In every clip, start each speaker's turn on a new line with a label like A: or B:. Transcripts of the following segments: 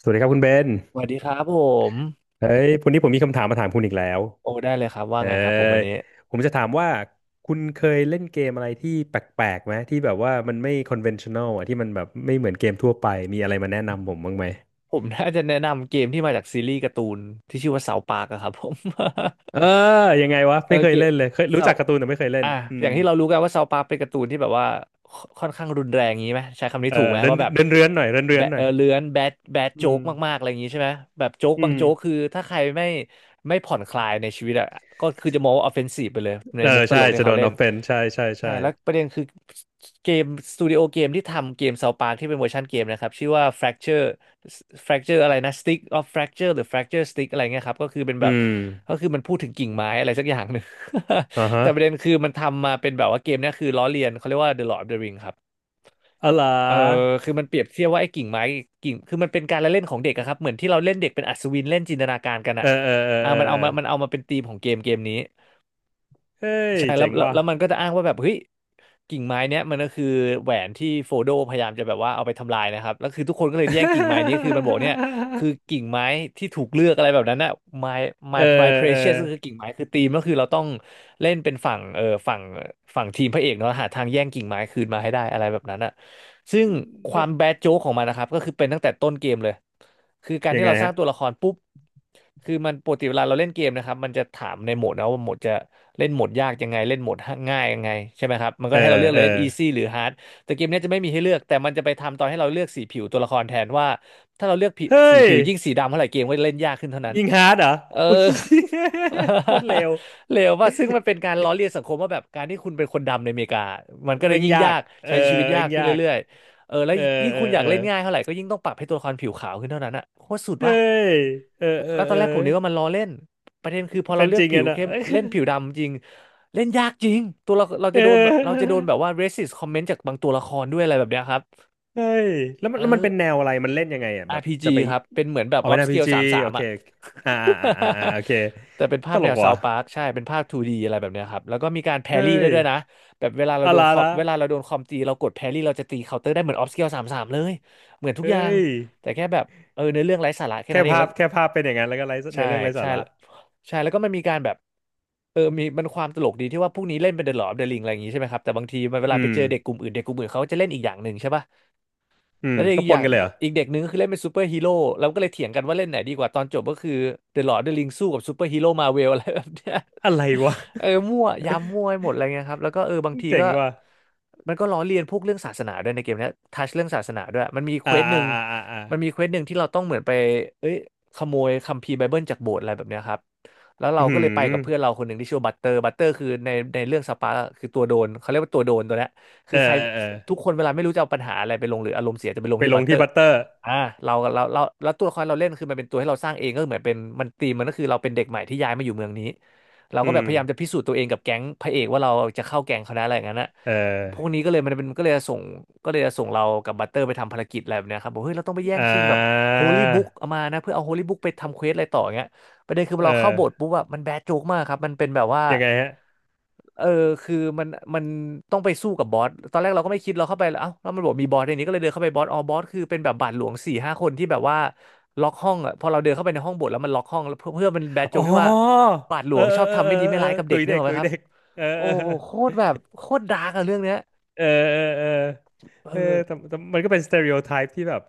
A: สวัสดีครับคุณเบน
B: สวัสดีครับผม
A: เฮ้ยวันนี้ผมมีคำถามมาถามคุณอีกแล้ว
B: โอ้ได้เลยครับว่า
A: เออ
B: ไงครับผมวันนี้
A: ผมจะถามว่าคุณเคยเล่นเกมอะไรที่แปลกๆไหมที่แบบว่ามันไม่ conventional อ่ะที่มันแบบไม่เหมือนเกมทั่วไปมีอะไรมาแนะนำผมบ้างไหม
B: ผม น่าจะแนะนำเกมที่มาจากซีรีส์การ์ตูนที่ชื่อว่าเสาปากอะครับผม
A: เออยังไงวะ
B: เออ
A: ไม่เคย
B: เกม
A: เล่นเลยเคยรู้
B: เสา
A: จักการ์ตูนแต่ไม่เคยเล่น
B: อ่ะ
A: อื
B: อย่า
A: ม
B: งที่เรารู้กันว่าเซาวปาร์คเป็นการ์ตูนที่แบบว่าคค่อนข้างรุนแรงงี้ไหมใช้คำนี้
A: เออ
B: ถูกไหม
A: เดิน
B: ว่าแบบ
A: เดินเรือนหน่อยเดินเรือน
B: แบะ
A: หน่
B: เอ
A: อ
B: อ
A: ย
B: เลื้อนแบดแบด
A: อื
B: โจ๊
A: ม
B: กมากๆอะไรอย่างนี้ใช่ไหมแบบโจ๊ก
A: อื
B: บาง
A: ม
B: โจ๊กคือถ้าใครไม่ผ่อนคลายในชีวิตอ่ะก็คือจะมองว่าออฟเฟนซีฟไปเลยใน
A: เออ
B: มุกต
A: ใช่
B: ลกที่
A: จะโด
B: เขา
A: น
B: เล่น
A: offense ใช่ใช่
B: ใช่
A: ใช่
B: แล้วประเด็นคือเกมสตูดิโอเกมที่ทำเกมเซาปาที่เป็นเวอร์ชันเกมนะครับชื่อว่า Fracture Fracture อะไรนะ Stick of Fracture หรือ Fracture Stick อะไรเงี้ยครับก็คือเป็น
A: อื
B: แบบ
A: ม
B: ก็คือมันพูดถึงกิ่งไม้อะไรสักอย่างหนึ่ง
A: อ่า ฮะ
B: แต่ประเด็นคือมันทำมาเป็นแบบว่าเกมเนี้ยคือล้อเลียนเขาเรียกว่า The Lord of the Ring ครับ
A: อะไร
B: เออ
A: อ
B: คือมันเปรียบเทียบว่าไอ้กิ่งไม้กิ่งคือมันเป็นการละเล่นของเด็กอะครับ เหมือนที่เราเล่นเด็กเป็นอัศวินเล่นจินตนาการกัน
A: เอ
B: อะ
A: อเออเออ
B: อ่า
A: เอ
B: มัน
A: อเอ
B: เอา
A: อ
B: มามันเอามาเป็นธีมของเกมเกมนี้
A: เฮ้ย
B: ใช่แล้
A: เจ๋
B: ว
A: ง
B: แล้ว
A: ว่ะ
B: แล้วมันก็จะอ้างว่าแบบเฮ้ย กิ่งไม้เนี้ยมันก็คือแหวนที่โฟโดพยายามจะแบบว่าเอาไปทำลายนะครับแล้วคือทุกคนก็เลยแย่งกิ่งไม้นี้ คือมันบอกเนี่ยคือกิ่งไม้ที่ถูกเลือกอะไรแบบนั้นน่ะ my
A: เอ
B: my
A: อ
B: my
A: เออ
B: precious ก็คือกิ่งไม้คือธีมก็คือเราต้องเล่นเป็นฝั่งทีมพระเอกเนาะหาทางแย่งกิ่งไม้คืนมาให้ได้อะไรแบบนั้นน่ะซึ่งค
A: แล้
B: วา
A: ว
B: มแบดโจ๊กของมันนะครับก็คือเป็นตั้งแต่ต้นเกมเลยคือการ
A: ยัง
B: ที่
A: ไง
B: เราสร้า
A: ฮะ
B: งตัวละครปุ๊บคือมันปกติเวลาเราเล่นเกมนะครับมันจะถามในโหมดนะว่าโหมดจะ เล่นโหมดยากยังไงเล่นโหมดง่ายยังไงใช่ไหมครับมันก็
A: เออ
B: ให้เราเลือกเล
A: เอ
B: ย
A: อ
B: เล่น easy หรือ hard แต่เกมเนี้ยจะไม่มีให้เลือกแต่มันจะไปทำตอนให้เราเลือกสีผิวตัวละครแทนว่าถ้าเราเลือกผิ
A: เฮ้
B: สี
A: ย
B: ผิวยิ่งสีดำเท่าไหร่เกมก็จะเล่นยากขึ้นเท่านั้น
A: ยิงฮาร์ดเหรอ
B: เออ
A: โอ้ย โคตรเร็ ว
B: เลวว่าซึ่งมันเป็นการล้อเลียนสังคมว่าแบบการที่คุณเป็นคนดำในอเมริกามันก็เลย
A: แม่ง
B: ยิ่ง
A: ยา
B: ยา
A: ก
B: ก
A: เออ
B: ใช้ชีวิตยา
A: แม่
B: ก
A: ง
B: ขึ้น
A: ยาก
B: เรื่อยๆเออแล้ว
A: เออ
B: ยิ่ง
A: เอ
B: คุ
A: อ
B: ณอยา
A: เอ
B: ก
A: อ
B: เล่นง่ายเท่าไหร่ก็ยิ่งต้องปรับให้ตัวละครผิวขาวขึ้นเท่านั้นอ่ะโคตรสุด
A: เฮ้
B: ป่ะ
A: ยเออเออ
B: แล้วตอ
A: เอ
B: น
A: อ
B: แรกผมนึกว่ามันล้อเล่นประเด็นคือพอเรา
A: เป็น
B: เลือ
A: จ
B: ก
A: ริง
B: ผิว
A: อะนะ
B: เข้ ม
A: เอ้ย
B: เล่นผิวดำจริงเล่นยากจริงตัวเราเรา
A: เ
B: จะโดนแบบเรา
A: อ
B: จะ
A: อ
B: โดนแบบว่า racist comment จากบางตัวละครด้วยอะไรแบบเนี้ยครับ
A: เฮ้ยแล้ว
B: เอ
A: มันแล้วมั
B: อ
A: นเป็นแนวอะไรมันเล่นยังไงอ่ะแบบจะ
B: RPG
A: ไป
B: ครับเป็นเหมือนแบบ
A: เอาเป็น
B: upscale
A: RPG
B: สามสา
A: โอ
B: ม
A: เค
B: อ่ะ
A: อ่าอ่าอ่าอ่า โอเค
B: แต่เป็นภา
A: ต
B: พ
A: ล
B: แน
A: ก
B: ว
A: ว่ะ
B: South Park ใช่เป็นภาพ 2D อะไรแบบเนี้ยครับแล้วก็มีการแพ
A: เฮ้
B: รี่ได้
A: ย
B: ด้วยนะแบบเวลาเรา
A: อะ
B: โด
A: ไร
B: นคอม
A: ละ
B: เวลาเราโดนคอมตีเรากดแพรี่เราจะตีเคาน์เตอร์ได้เหมือน upscale สามสามเลยเหมือนทุก
A: เฮ้
B: อย่าง
A: ย
B: แต่แค่แบบเออเนื้อเรื่องไร้สาระแค่
A: แค่
B: นั้นเอง
A: ภา
B: แล้
A: พ
B: ว
A: แค่ภาพเป็นอย่างนั้นแล้วก็ไร้
B: ใช่
A: เนื้อเรื่องไร้สา
B: ใช่
A: ระ
B: ใช่แล้วก็มันมีการแบบเออมีมันความตลกดีที่ว่าพวกนี้เล่นเป็นเดอะลอ d อ f เดอะริงอะไรอย่างงี้ใช่ไหมครับแต่บางทีมันเวลา
A: อื
B: ไป
A: ม
B: เจอเด็กกลุ่มอื่นเด็กกลุ่มอื่นเขาจะเล่นอีกอย่างหนึ่งใช่ป่ะ
A: อื
B: แล้
A: ม
B: ว
A: ก็
B: อีก
A: ป
B: อ
A: น
B: ย่าง
A: กันเลยเหรอ
B: อีกเด็กหนึ่งก็คือเล่นเป็นซูเปอร์ฮีโร่เราก็เลยเถียงกันว่าเล่นไหนดีกว่าตอนจบก็คือเดอะลอ d ์ดออฟเดอะริงสู้กับซูเปอร์ฮีโร่มาเวลอะไรแบบเนี้ย
A: อะไรวะ
B: เออมั่วยามมั่วไปหมดอะไรเงี้ยครับแล้วก็เออบางที
A: เจ๋
B: ก็
A: งว่ะ
B: มันก็ล้อเลียนพวกเรื่องศาสนาด้วยในเกมเนี้ยทัชเรื่องศาสนาด้วยมันมีเค
A: อ่า
B: วสห
A: อ่า
B: นึ่ง
A: อ่าอ่าอ่า
B: มันมีเควสหนึ่งที่เราต้องเหมือนไปเอ้ยขโมยคัมภีร์ไบเบิลจากโบสถ์อะไรแบบเนี้ยครับแล้วเรา
A: อื
B: ก็เลยไปกับเพื่อน
A: ม
B: เราคนหนึ่งที่ชื่อบัตเตอร์บัตเตอร์คือในในเรื่องสปาร์คคือตัวโดนเขาเรียกว่าตัวโดนตัวเนี้ย
A: เอ
B: คือ
A: อ
B: ใคร
A: เออเออ
B: ทุกคนเวลาไม่รู้จะเอาปัญหาอะไรไปลงหรืออารมณ์เสียจะไปลง
A: ไป
B: ที่
A: ล
B: บั
A: ง
B: ตเตอ
A: ที่
B: ร์
A: บัตเตอร์
B: อ่าเราแล้วตัวละครเราเล่นคือมันเป็นตัวให้เราสร้างเองก็เหมือนเป็นมันตีมมันก็คือเราเป็นเด็กใหม่ที่ย้ายมาอยู่เมืองนี้เรา
A: อื
B: ก็แบ
A: ม
B: บพยายามจะพิสูจน์ตัวเองกับแก๊งพระเอกว่าเราจะเข้าแก๊งเขาได้อะไรอย่างนั้นนะ
A: เอ
B: พวก
A: อ
B: นี้ก็เลยมันเป็นก็เลยส่งก็เลยส่งเรากับบัตเตอร์ไปทำภารกิจอะไรแบบเนี้ยครับบอกเฮ้ยเราต้องไปแย่
A: อ่
B: งชิงแบบ
A: า
B: โฮลี่บุ๊กเอามานะเพื่อเอาโฮลี่บุ๊กไปทำเควสอะไรต่ออย่างเงี้ยประเด็นคือ
A: เอ
B: เราเข้า
A: อ
B: โบสถ์ปุ๊บอะมันแบดโจ๊กมากครับมันเป็นแบบว่า
A: ยังไงฮะ
B: เออคือมันต้องไปสู้กับบอสตอนแรกเราก็ไม่คิดเราเข้าไปแล้วเอ้าแล้วมันบอกมีบอสในนี้ก็เลยเดินเข้าไปบอสอ๋อบอสคือเป็นแบบบาทหลวงสี่ห้าคนที่แบบว่าล็อกห้องอ่ะพอเราเดินเข้าไปในห้องบทแล้วมันล็อกห้องแล้วเพื่อมันแบดโจ๊
A: อ๋
B: ก
A: อ
B: ที่ว่าบาทหล
A: เออ
B: วงชอบ
A: เออ
B: ทำ
A: เออ
B: ไม่ดีไม่
A: เออเออ
B: ร้ายกับ
A: ตุ
B: เด็ก
A: ย
B: เนก
A: เด็ก
B: อะไหม
A: ตุย
B: ครับ
A: เด็กเออ
B: โอ้
A: เอ
B: โหโค
A: อ
B: ตรแบบโคตรดาร์กอะเรื่องเนี้ย
A: เออเออเออ
B: เอ
A: เออ
B: อ
A: แต่แต่มันก็เป็นสเตอริโอไทป์ที่แบบ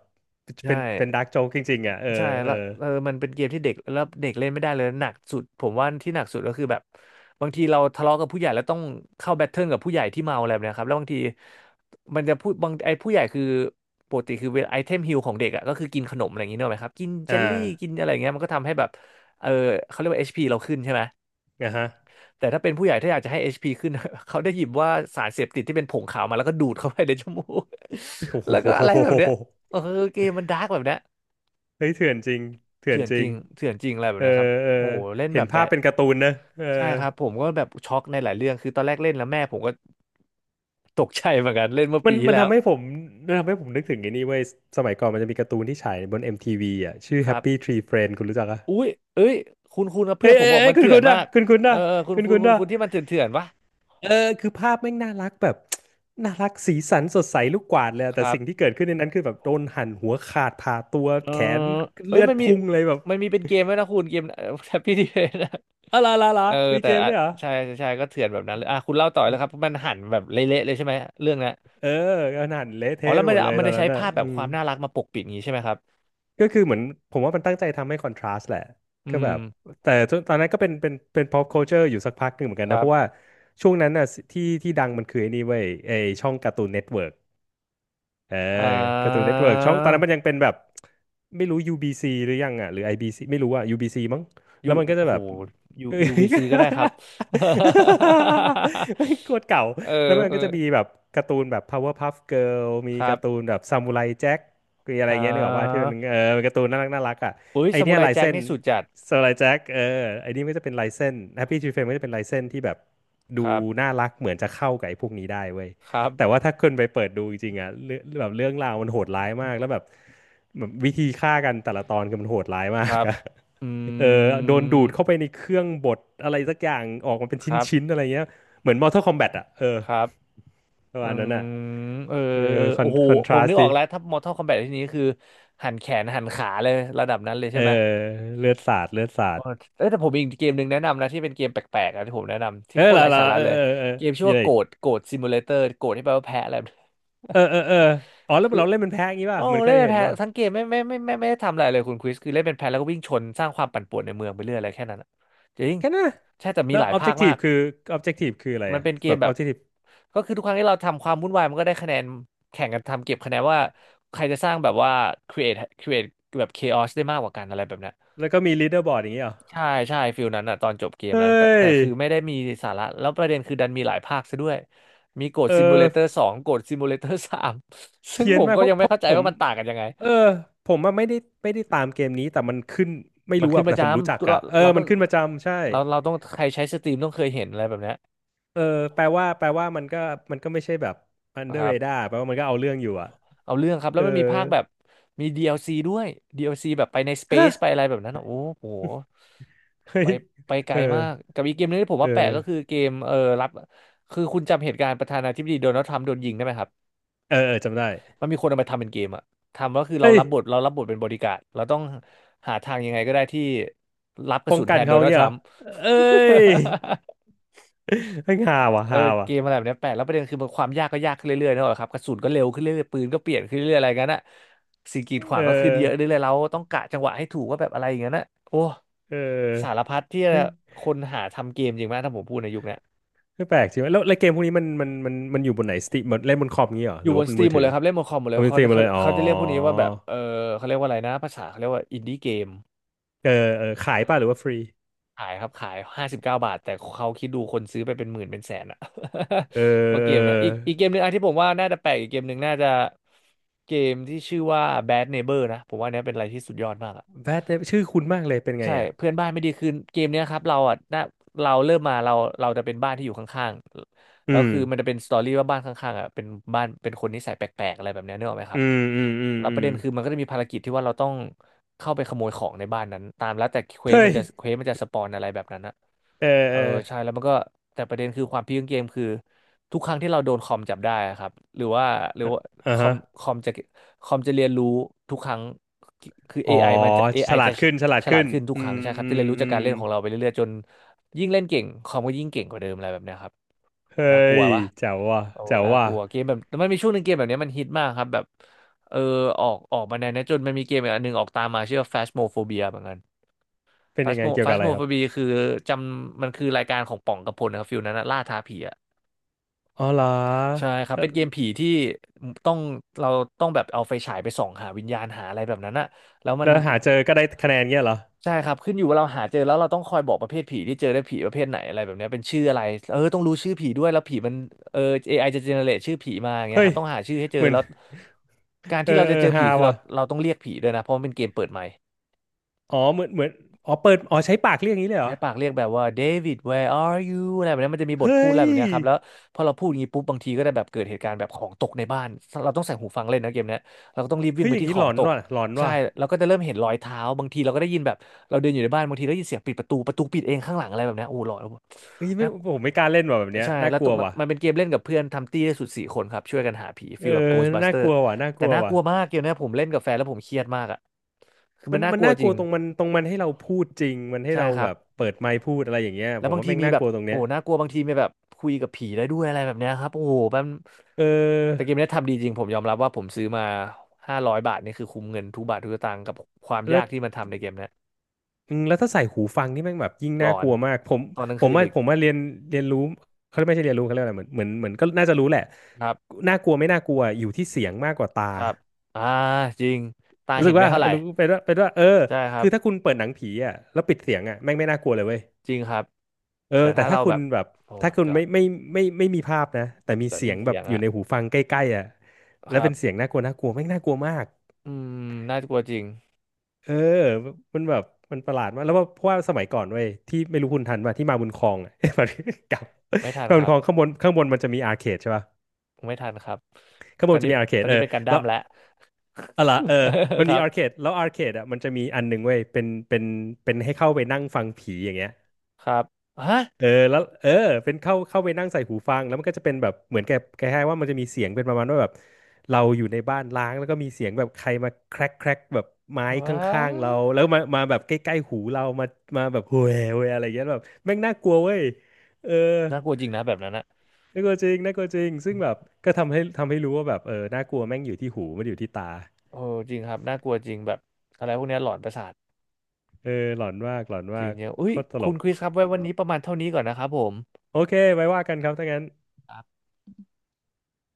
B: ใช่
A: เป็นเป็นดาร์กโจ๊กจริงๆอ่ะเออ
B: ใช่
A: เออ
B: แล้วเออมันเป็นเกมที่เด็กแล้วเด็กเล่นไม่ได้เลยหนักสุดผมว่าที่หนักสุดก็คือแบบบางทีเราทะเลาะกับผู้ใหญ่แล้วต้องเข้าแบทเทิลกับผู้ใหญ่ที่เมาอะไรแบบเนะครับแล้วบางทีมันจะพูดบางไอ้ผู้ใหญ่คือปกติคือเวลาไอเทมฮิลของเด็กอ่ะก็คือกินขนมอะไรอย่างงี้เนกอะไหมครับกินเจ
A: อ่า
B: ลลี่กินอะไรอย่างเงี้ยมันก็ทำให้แบบเออเขาเรียกว่า HP เราขึ้นใช่ไหม
A: นะฮะ
B: แต่ถ้าเป็นผู้ใหญ่ถ้าอยากจะให้ HP ขึ้น เขาได้หยิบว่าสารเสพติดที่เป็นผงขาวมาแล้วก็ดูดเข้าไปในจมูก
A: โอ้ โ
B: แล้วก็อะไรแบบ
A: ห
B: เนี้ยเออเกมมันดาร์กแบบเนี้ย
A: เฮ้ยเถื่อนจริงเถื่อน
B: เถื่อน
A: จ
B: จ
A: ริ
B: ริ
A: ง
B: งเถื่อนจริงอะไรแบ
A: เอ
B: บ
A: อ
B: เนี้ยครับ
A: เออ
B: โอ้โหเล่น
A: เห็
B: แบ
A: น
B: บ
A: ภาพ
B: แบะ
A: เป็นการ์ตูนนะเออ
B: ใช่ครับผมก็แบบช็อกในหลายเรื่องคือตอนแรกเล่นแล้วแม่ผมก็ตกใจเหมือนกันเล่นเมื่อ
A: มั
B: ปี
A: น
B: ที่
A: มัน
B: แล้ว
A: ทำให้ผมมันทำให้ผมนึกถึงไอ้นี่เว้ยสมัยก่อนมันจะมีการ์ตูนที่ฉายบน MTV อมทีวีอ่ะชื่อ
B: ครั
A: Happy
B: บ
A: Tree Friends คุณรู้จักอ่ะ
B: อุ้ยเอ้ยคุณนะเพื่
A: เฮ้
B: อน
A: ย
B: ผม
A: เฮ้ย
B: บอก
A: เฮ้
B: มั
A: ย
B: น
A: คุณ
B: เถื่อ
A: คุ
B: น
A: ณ
B: มา
A: อ่ะ
B: ก
A: คุณคุณ
B: เอ
A: อ่ะ
B: อเออคุณ
A: คุณ
B: คุณ
A: คุณ
B: คุณ
A: อ่ะ
B: คุณที่มันเถื่อนเถื่อนวะ
A: เออคือภาพแม่งน่ารักแบบ น่ารักสีสันสดใสลูกกวาดเลยอะ
B: ค
A: แต่
B: รับ
A: สิ่งที่เกิดขึ้นในนั้นคือแบบโดนหั่นหัวขาดผ่าตัว
B: เออ
A: แขน
B: เอ้ย
A: เลือดพุ่งเลยแบบ
B: มันมีเป็นเกมด้วยนะคุณเกม แฮปปี้ดีเนะ
A: อะไรล่ะล่ะ
B: เออ
A: มี
B: แต่
A: เกม
B: อ่ะ
A: เนี่ยเหรอ
B: ใช่ใช่ใช่ก็เถื่อนแบบนั้นเลยอ่ะคุณเล่าต่อเลยครับมันหั่นแบบเละๆเลยใช่ไหมเรื่องนั้น
A: เออก็หั่นเละ
B: อ๋อ
A: เทะ
B: แล้
A: ไป
B: วมั
A: ห
B: น
A: มด
B: จะ
A: เลย
B: มัน
A: ตอ
B: จะ
A: นนั้
B: ใช้
A: นอ่ะ
B: ภาพแบ
A: อื
B: บค
A: ม
B: วามน่ารักมาปกปิดอย่างงี้ใช่ไหมครับ
A: ก็คือเหมือนผมว่ามันตั้งใจทำให้คอนทราสต์แหละ
B: อื
A: ก็แบ
B: ม
A: บแต่ตอนนั้นก็เป็นเป็นเป็น pop culture อยู่สักพักหนึ่งเหมือนกัน
B: ค
A: นะ
B: รั
A: เพราะว่า
B: บ
A: ช่วงนั้นน่ะที่ที่ดังมันคือไอ้นี่เว้ยไอ้ช่องการ์ตูนเน็ตเวิร์ก เออ
B: อ่
A: การ์ตูนเน็ต
B: า
A: เวิร์กช่องตอนนั้นมันยังเป็นแบบไม่รู้ UBC หรือยังอ่ะหรือ IBC ไม่รู้อ่ะ UBC มั้ง
B: ยู
A: แล้วมันก็จะ
B: โห
A: แบบ
B: ยูบีซีก็ได้ครับ
A: ไม่งโคตรเก่า
B: เ
A: แล้วมันก็จะ
B: ออ
A: มีแบบการ์ตูนแบบ Powerpuff Girl มี
B: ครั
A: กา
B: บ
A: ร์ตูนแบบซามูไรแจ็คมีอะไร
B: อ่
A: เงี้ยนึกออกว่าที่
B: า
A: มันเออเป็นการ์ตูนน่ารักน่ารักอ่ะ
B: อุ้ย
A: ไอ
B: ซา
A: เนี้
B: มู
A: ย
B: ไร
A: ลาย
B: แจ็ค
A: เส้น
B: นี่สุดจัด
A: ซามูไรแจ็คเออไอนี่มันก็จะเป็นลายเส้น Happy Tree Friends มันก็จะเป็นลายเส้นที่แบบ
B: ค
A: ดู
B: รับ
A: น่ารักเหมือนจะเข้ากับไอ้พวกนี้ได้เว้ย
B: ครั
A: แต่
B: บ
A: ว่าถ้าคนไปเปิดดูจริงๆอ่ะเรื่องแบบเรื่องราวมันโหดร้ายมากแล้วแบบแบบวิธีฆ่ากันแต่ละตอนคือมันโหดร้ายมา
B: ค
A: ก
B: รับ
A: อะ
B: อื
A: เออโดนดูดเข้าไป
B: ม
A: ในเครื่องบดอะไรสักอย่างออกมาเป็นช
B: ครับ
A: ิ้นๆอะไรเงี้ยเหมือน Mortal Kombat อ่ะเออ
B: ครับ
A: ประ
B: อื
A: มาณนั้
B: ม
A: นอ่ะ
B: เออ
A: เอ
B: เอ
A: อ
B: อ
A: คอ
B: โอ้
A: น
B: โห
A: คอนท
B: ผ
A: รา
B: ม
A: ส
B: นึก
A: ต์
B: อ
A: ดิ
B: อกแล้ว ถ้า Mortal Kombat ที่นี้คือหันแขนหันขาเลยระดับนั้นเลยใช่
A: เออ
B: ไหม
A: เลือดสาดเลือดสา
B: เอ
A: ด
B: อเอ้ยแต่ผมมีอีกเกมหนึ่งแนะนำนะที่เป็นเกมแปลกๆนะที่ผมแนะนำที่
A: เออ
B: โคตร
A: ละ
B: ไร้
A: ละ
B: สา
A: ละ
B: ระ
A: เออ
B: เลย
A: เออเออ
B: เกมชื่อ
A: มีอะ
B: ว่า
A: ไร
B: โก
A: อีก
B: ดโกดซิมูเลเตอร์โกดที่แปลว่าแพะอะไรแบบนี้
A: เออเออเอออ๋อแล้ว
B: คือ
A: เราเล่นเป็นแพ้อย่างงี้ ป่ะ
B: โอ้
A: เหมันเค
B: เล่น
A: ย
B: เป็น
A: เห็น
B: แพะ
A: ป่ะ
B: ทั้งเกมไม่ได้ทำอะไรเลยคุณคริสคือเล่นเป็นแพะแล้วก็วิ่งชนสร้างความปั่นป่วนในเมืองไปเรื่อยอะไรแค่นั้นอะจริง
A: แค่นั้นนะ
B: ใช่แต่มี
A: แล้ว
B: หลายภาคมา
A: objective
B: ก
A: คือ objective คืออะไร
B: มัน
A: อ่ะ
B: เป็นเก
A: แบ
B: ม
A: บ
B: แบบ
A: objective
B: ก็คือทุกครั้งที่เราทำความวุ่นวายมันก็ได้คะแนนแข่งกันทำเก็บคะแนนว่าใครจะสร้างแบบว่า create create แบบ chaos ได้มากกว่ากันอะไรแบบนั้น
A: แล้วก็มี leaderboard อย่างงี้เหรอ
B: ใช่ใช่ฟิลนั้นอะตอนจบเกม
A: เฮ้
B: แล้วแต่
A: ย
B: คือไม่ได้มีสาระแล้วประเด็นคือดันมีหลายภาคซะด้วยมีโกด
A: เอ
B: ซิมูเลเตอร์
A: อ
B: สองโกดซิมูเลเตอร์สาม ซึ่ง
A: เพี้ย
B: ผ
A: น
B: ม
A: มาก
B: ก็
A: เพ
B: ยั
A: ราะ
B: ง
A: เพ
B: ไม่
A: ราะ
B: เข้าใจ
A: ผม
B: ว่ามันต่างกันยังไง
A: เออผมอะไม่ได้ไม่ได้ตามเกมนี้แต่มันขึ้นไม่
B: มัน
A: รู้
B: ขึ้
A: อะ
B: นประ
A: แต่
B: จ
A: ผมรู้จัก
B: ำเรา
A: อะเออ
B: เราต้
A: มั
B: อง
A: นขึ้นประจำใช่
B: เราเราต้องใครใช้สตรีมต้องเคยเห็นอะไรแบบเนี้ย
A: เออแปลว่าแปลว่ามันก็มันก็ไม่ใช่แบบ
B: ค
A: under
B: รับ
A: radar แปลว่ามันก็เอาเรื่องอยู่อะ
B: เอาเรื่องครับแล้
A: เอ
B: ว
A: อ
B: มันมีภาคแบบมี DLC ด้วย DLC แอลซีแบบไปในสเป
A: ฮะ
B: ซไปอะไรแบบนั้นอะโอ้โห
A: เฮ้
B: ไป
A: ย
B: ไปไก
A: เอ
B: ล
A: อ
B: มากกับอีกเกมนึงที่ผม
A: เอ
B: ว่า
A: อ
B: แปลกก็คือเกมเออรับคือคุณจำเหตุการณ์ประธานาธิบดีโดนัลด์ทรัมป์โดนยิงได้ไหมครับ
A: เออเออจำได้
B: มันมีคนเอามาทำเป็นเกมอะทำก็คือเรา
A: เฮ้ย
B: รับบทเรารับบทเป็นบอดี้การ์ดเราต้องหาทางยังไงก็ได้ที่รับกระ
A: ป้อง
B: สุน
A: กั
B: แท
A: น
B: นโด
A: เขาอ
B: นั
A: ย่าง
B: ลด์
A: เงี้
B: ท
A: ยเหร
B: รั
A: อ
B: มป์
A: เอ้ ยเฮ้ยฮาว่ะ
B: เออ
A: ฮาว่ะ
B: เกมอะไรแบบเนี้ยแปลกแล้วประเด็นคือมันความยากก็ยากขึ้นเรื่อยๆนะครับกระสุนก็เร็วขึ้นเรื่อยๆปืนก็เปลี่ยนขึ้นเรื่อยๆอะไรงั้นอะสิ่งกีดขวา
A: เอ
B: งก็ขึ้นเยอะ
A: อ
B: เรื่อยๆเราต้องกะจังหวะให้ถูกว่าแบบอะไรอย่างนั้นอะโอ้
A: เอ
B: สาร
A: อ
B: พัดที่
A: เฮ้ย
B: คนหาทำเกมจริงไหมถ้าผมพูดในยุคเนี้ย
A: คือแปลกจริงวะแล้วเกมพวกนี้มันอยู่บนไหนสตรีมเล่นบนคอมงี้เหรอ
B: อ
A: ห
B: ยู่
A: รือ
B: บ
A: ว่า
B: น
A: เป็
B: ส
A: น
B: ตรี
A: มื
B: ม
A: อ
B: หม
A: ถื
B: ด
A: อ
B: เลยครับเล่นบนคอมหมดเลย
A: เอาเป็น
B: เขา
A: สตรีมมา
B: เขา
A: เลยอ๋อ
B: เขาจะเรียกพวกนี้ว่าแบบเขาเรียกว่าอะไรนะภาษาเขาเรียกว่าอินดี้เกม
A: เออเออขายป่ะหรือว่าฟรี
B: ขายครับขาย59 บาทแต่เขาคิดดูคนซื้อไปเป็นหมื่นเป็นแสนอะ
A: เอ
B: เพ
A: อ
B: ราะเก
A: เออ
B: มเนี่ยอีกเกมหนึ่งอ่ะที่ผมว่าน่าจะแปลกอีกเกมหนึ่งน่าจะเกมที่ชื่อว่า Bad Neighbor นะผมว่าเนี้ยเป็นอะไรที่สุดยอดมากอะ
A: แบทชื่อคุณมากเลยเป็นไง
B: ใช่
A: อ่ะ
B: เพื่อนบ้านไม่ดีคือเกมเนี้ยครับเราอ่ะนะเราเริ่มมาเราเราจะเป็นบ้านที่อยู่ข้างๆ
A: อื
B: แล้ว
A: ม
B: คือมันจะเป็นสตอรี่ว่าบ้านข้างๆอ่ะเป็นบ้านเป็นคนนิสัยแปลกๆอะไรแบบเนี้ยนึกออกไหมค
A: อื
B: รับ
A: มอืมอืม
B: แล้ว
A: อื
B: ประ
A: ม
B: เด็นคือมันก็จะมีภารกิจที่ว่าเราต้องเข้าไปขโมยของในบ้านนั้นตามแล้วแต่เควส
A: เฮ้
B: มัน
A: ย
B: จะเควสมันจะสปอนอะไรแบบนั้นนะ
A: เออ
B: เอ
A: เอ
B: อ
A: อ
B: ใช่แล้วมันก็แต่ประเด็นคือความพีคของเกมคือทุกครั้งที่เราโดนคอมจับได้อะครับหรือว่า
A: อ่า
B: คอ
A: ฮะ
B: มคอมจะคอมจะเรียนรู้ทุกครั้ง คือ
A: อ๋อ
B: AI มันจะเอ
A: ฉ
B: ไอ
A: ลา
B: จะ
A: ดขึ้นฉลาด
B: ฉลา
A: ขึ้
B: ด
A: น
B: ขึ้นทุก
A: อื
B: ครั้ง
A: ม
B: ใช่ครับ
A: อื
B: ที่
A: ม
B: เรียนรู้
A: อื
B: จากกา
A: ม
B: รเล่นของเราไปเรื่อยๆจนยิ่งเล่นเก่งคอมก็ยิ่งเก่งกว่าเดิมอะไรแบบเนี้ยครับ
A: เฮ้
B: น่ากลัว
A: ย
B: ปะ
A: แจ๋วว่ะ
B: โอ้
A: แจ๋ว
B: น่าก
A: ว่ะ
B: ลัวเกมแบบมันมีช่วงหนึ่งเกมแบบเนี้ยมันฮิตมากครับแบบเออออกมาแนวเนี้ยจนมันมีเกมอีกอันหนึ่งออกตามมาชื่อว่า Phasmophobia เหมือนกัน
A: เป็นยังไง เกี่ยวกับอะไรครับ
B: Phasmophobia คือจำมันคือรายการของป่องกระพลนะครับฟิลนั้นนะล่าท้าผีอะ
A: อ๋อเหรอ
B: ใช่ครับ
A: แล้
B: เป็
A: ว
B: นเกมผีที่ต้องเราต้องแบบเอาไฟฉายไปส่องหาวิญญาณหาอะไรแบบนั้นอะแล้วมัน
A: หาเจอก็ได้คะแนนเงี้ยเหรอ
B: ใช่ครับขึ้นอยู่ว่าเราหาเจอแล้วเราต้องคอยบอกประเภทผีที่เจอได้ผีประเภทไหนอะไรแบบเนี้ยเป็นชื่ออะไรเออต้องรู้ชื่อผีด้วยแล้วผีมันเออ AI จะเจเนเรตชื่อผีมาอย่างเงี้
A: เฮ้
B: ยค
A: ย
B: รับต้องหาชื่อให้เจอ
A: เหมือน
B: แล้วการ
A: เออ
B: ที่เรา
A: เอ
B: จะ
A: อ
B: เจอ
A: ฮา
B: ผีคือเรา
A: ว่ะ
B: เราต้องเรียกผีด้วยนะเพราะมันเป็นเกมเปิดใหม่
A: อ๋อเหมือนอ๋อเปิดอ๋อใช้ปากเรียกอย่างนี้เลยเหร
B: ใน
A: อ
B: ปากเรียกแบบว่าเดวิด where are you อะไรแบบนี้มันจะมีบทพู
A: เฮ้
B: ดอะไร
A: ย
B: แบบเนี้ยครับแล้วพอเราพูดอย่างนี้ปุ๊บบางทีก็จะแบบเกิดเหตุการณ์แบบของตกในบ้านเราต้องใส่หูฟังเล่นนะเกมเนี้ยเราก็ต้องรีบวิ่
A: เฮ้
B: ง
A: ย
B: ไป
A: อย่าง
B: ที่
A: นี้
B: ข
A: ห
B: อ
A: ล
B: ง
A: อน
B: ตก
A: ว่ะหลอน
B: ใช่
A: ว่ะ
B: เราก็จะเริ่มเห็นรอยเท้าบางทีเราก็ได้ยินแบบเราเดินอยู่ในบ้านบางทีได้ยินเสียงปิดประตูปิดเองข้างหลังอะไรแบบเนี้ยโอ้หลอน
A: เฮ้ย
B: นะ
A: ไม่ผมไม่กล้าเล่นว่ะแบบเนี้ย
B: ใช่
A: น่า
B: แล้ว
A: ก
B: ต้
A: ลั
B: อง
A: ว
B: มัน
A: ว่ะ
B: มันเป็นเกมเล่นกับเพื่อนทำตี้ได้สุด4 คนครับช่วยกันหาผี
A: เอ
B: ฟี
A: อ
B: ลแบบ
A: น่า
B: Ghostbuster
A: กลัวว่ะน่าก
B: แต่
A: ลัว
B: น่าก
A: ว่ะ
B: ลัวมากเกมเนี้ยผมเล่นกับแฟนแล้วผมเครียดมากอ่ะคือ
A: มั
B: มั
A: น
B: นน่า
A: มั
B: ก
A: น
B: ลัว
A: น่า
B: จ
A: กลั
B: ริ
A: ว
B: ง
A: ตรงมันให้เราพูดจริงมันให้
B: ใช่
A: เรา
B: ครั
A: แบ
B: บ
A: บเปิดไมค์พูดอะไรอย่างเงี้ย
B: แล้
A: ผ
B: ว
A: ม
B: บาง
A: ว่า
B: ที
A: แม่ง
B: มี
A: น่า
B: แบ
A: ก
B: บ
A: ลัวตรง
B: โอ้
A: เนี้ย
B: โหน่ากลัวบางทีมีแบบคุยกับผีได้ด้วยอะไรแบบเนี้ยครับโอ้โหมัน
A: เอ
B: แต่เก
A: อ
B: มเนี้ยทำดีจริงผมยอมรับว่าผมซื้อมา500 บาทนี่คือคุ้มเงินทุกบาททุกสตางค์กับความยา
A: แล้
B: ก
A: ว
B: ที่มันทำในเกมเนี้ย
A: อืมแล้วถ้าใส่หูฟังนี่แม่งแบบยิ่ง
B: หล
A: น่า
B: อ
A: ก
B: น
A: ลัวมากผม
B: ตอนกลาง
A: ผ
B: คื
A: ม
B: น
A: ว่า
B: อีก
A: ผมว่าเรียนเรียนรู้เขาไม่ใช่เรียนรู้เขาเรียกอะไรเหมือนก็น่าจะรู้แหละ
B: ครับ
A: น่ากลัวไม่น่ากลัวอยู่ที่เสียงมากกว่าตา
B: ครับอ่าจริงตา
A: รู้สึ
B: เห็
A: ก
B: นไม่
A: ว่า
B: เท่า
A: เอ
B: ไห
A: อ
B: ร่
A: รู้เป็นว่าเออ
B: ใช่ครั
A: คื
B: บ
A: อถ้าคุณเปิดหนังผีอ่ะแล้วปิดเสียงอ่ะแม่งไม่น่ากลัวเลยเว้ย
B: จริงครับ
A: เออ
B: แต่
A: แต่
B: ถ้า
A: ถ้า
B: เรา
A: คุ
B: แบ
A: ณ
B: บ
A: แบบ
B: โอ้
A: ถ้า
B: my
A: คุณไม่
B: god
A: ไม่ไม่ไม่ไม่มีภาพนะแต่มี
B: เรา
A: เสี
B: ได้
A: ยง
B: ยิน
A: แบ
B: เสี
A: บ
B: ยง
A: อยู่
B: อะ
A: ในหูฟังใกล้ๆอ่ะแล้
B: ค
A: ว
B: รั
A: เป็
B: บ
A: นเสียงน่ากลัวน่ากลัวแม่งน่ากลัวมาก
B: อืมน่ากลัวจริง
A: เออมันแบบมันประหลาดมากแล้วว่าเพราะว่าสมัยก่อนเว้ยที่ไม่รู้คุณทันป่ะที่มาบุญครองอ่ะ แบบกับ
B: ไม่ทัน
A: มา
B: ค
A: บุญ
B: รั
A: ค
B: บ
A: รองข้างบนมันจะมีอาร์เคดใช่ป่ะ
B: ไม่ทันครับ
A: ข้างบ
B: ตอ
A: น
B: น
A: มัน
B: นี้
A: จะมีอาร์เค
B: ตอ
A: ด
B: น
A: เอ
B: นี้
A: อ
B: เป็นการดั้
A: แล้
B: ม
A: ว
B: แล้ว
A: อะล่ะเออมัน
B: ค
A: มี
B: รับ
A: อาร์เคดแล้วอาร์เคดอ่ะมันจะมีอันหนึ่งเว้ยเป็นให้เข้าไปนั่งฟังผีอย่างเงี้ย
B: ครับฮะ
A: เออแล้วเออเป็นเข้าไปนั่งใส่หูฟังแล้วมันก็จะเป็นแบบเหมือนแกแกให้ายๆว่ามันจะมีเสียงเป็นประมาณว่าแบบเราอยู่ในบ้านล้างแล้วก็มีเสียงแบบใครมาแครกแครกแบบไม้ข
B: ว้
A: ้างๆเรา
B: า
A: แล้วมาแบบใกล้ๆหูเรามาแบบโวยโวยอะไรอย่างเงี้ยแบบแม่งน่ากลัวเว้ยเออ
B: น่ากลัวจริงนะแบบนั้นนะ
A: น่ากลัวจริงน่ากลัวจริงซึ่งแบบก็ทำให้รู้ว่าแบบเออน่ากลัวแม่งอยู่ที่หูไม่ได้อยู่ที่ตา
B: โอ้จริงครับน่ากลัวจริงแบบอะไรพวกเนี้ยหลอนประสาท
A: เออหลอนมากหลอน
B: จ
A: มา
B: ริง
A: ก
B: เนีอะอุ้
A: โค
B: ย
A: ตรตล
B: คุณ
A: ก
B: คริสครับไว้วันนี้ประมาณเท่านี้ก่อนนะครับผม
A: โอเคไว้ว่ากันครับถ้างั้น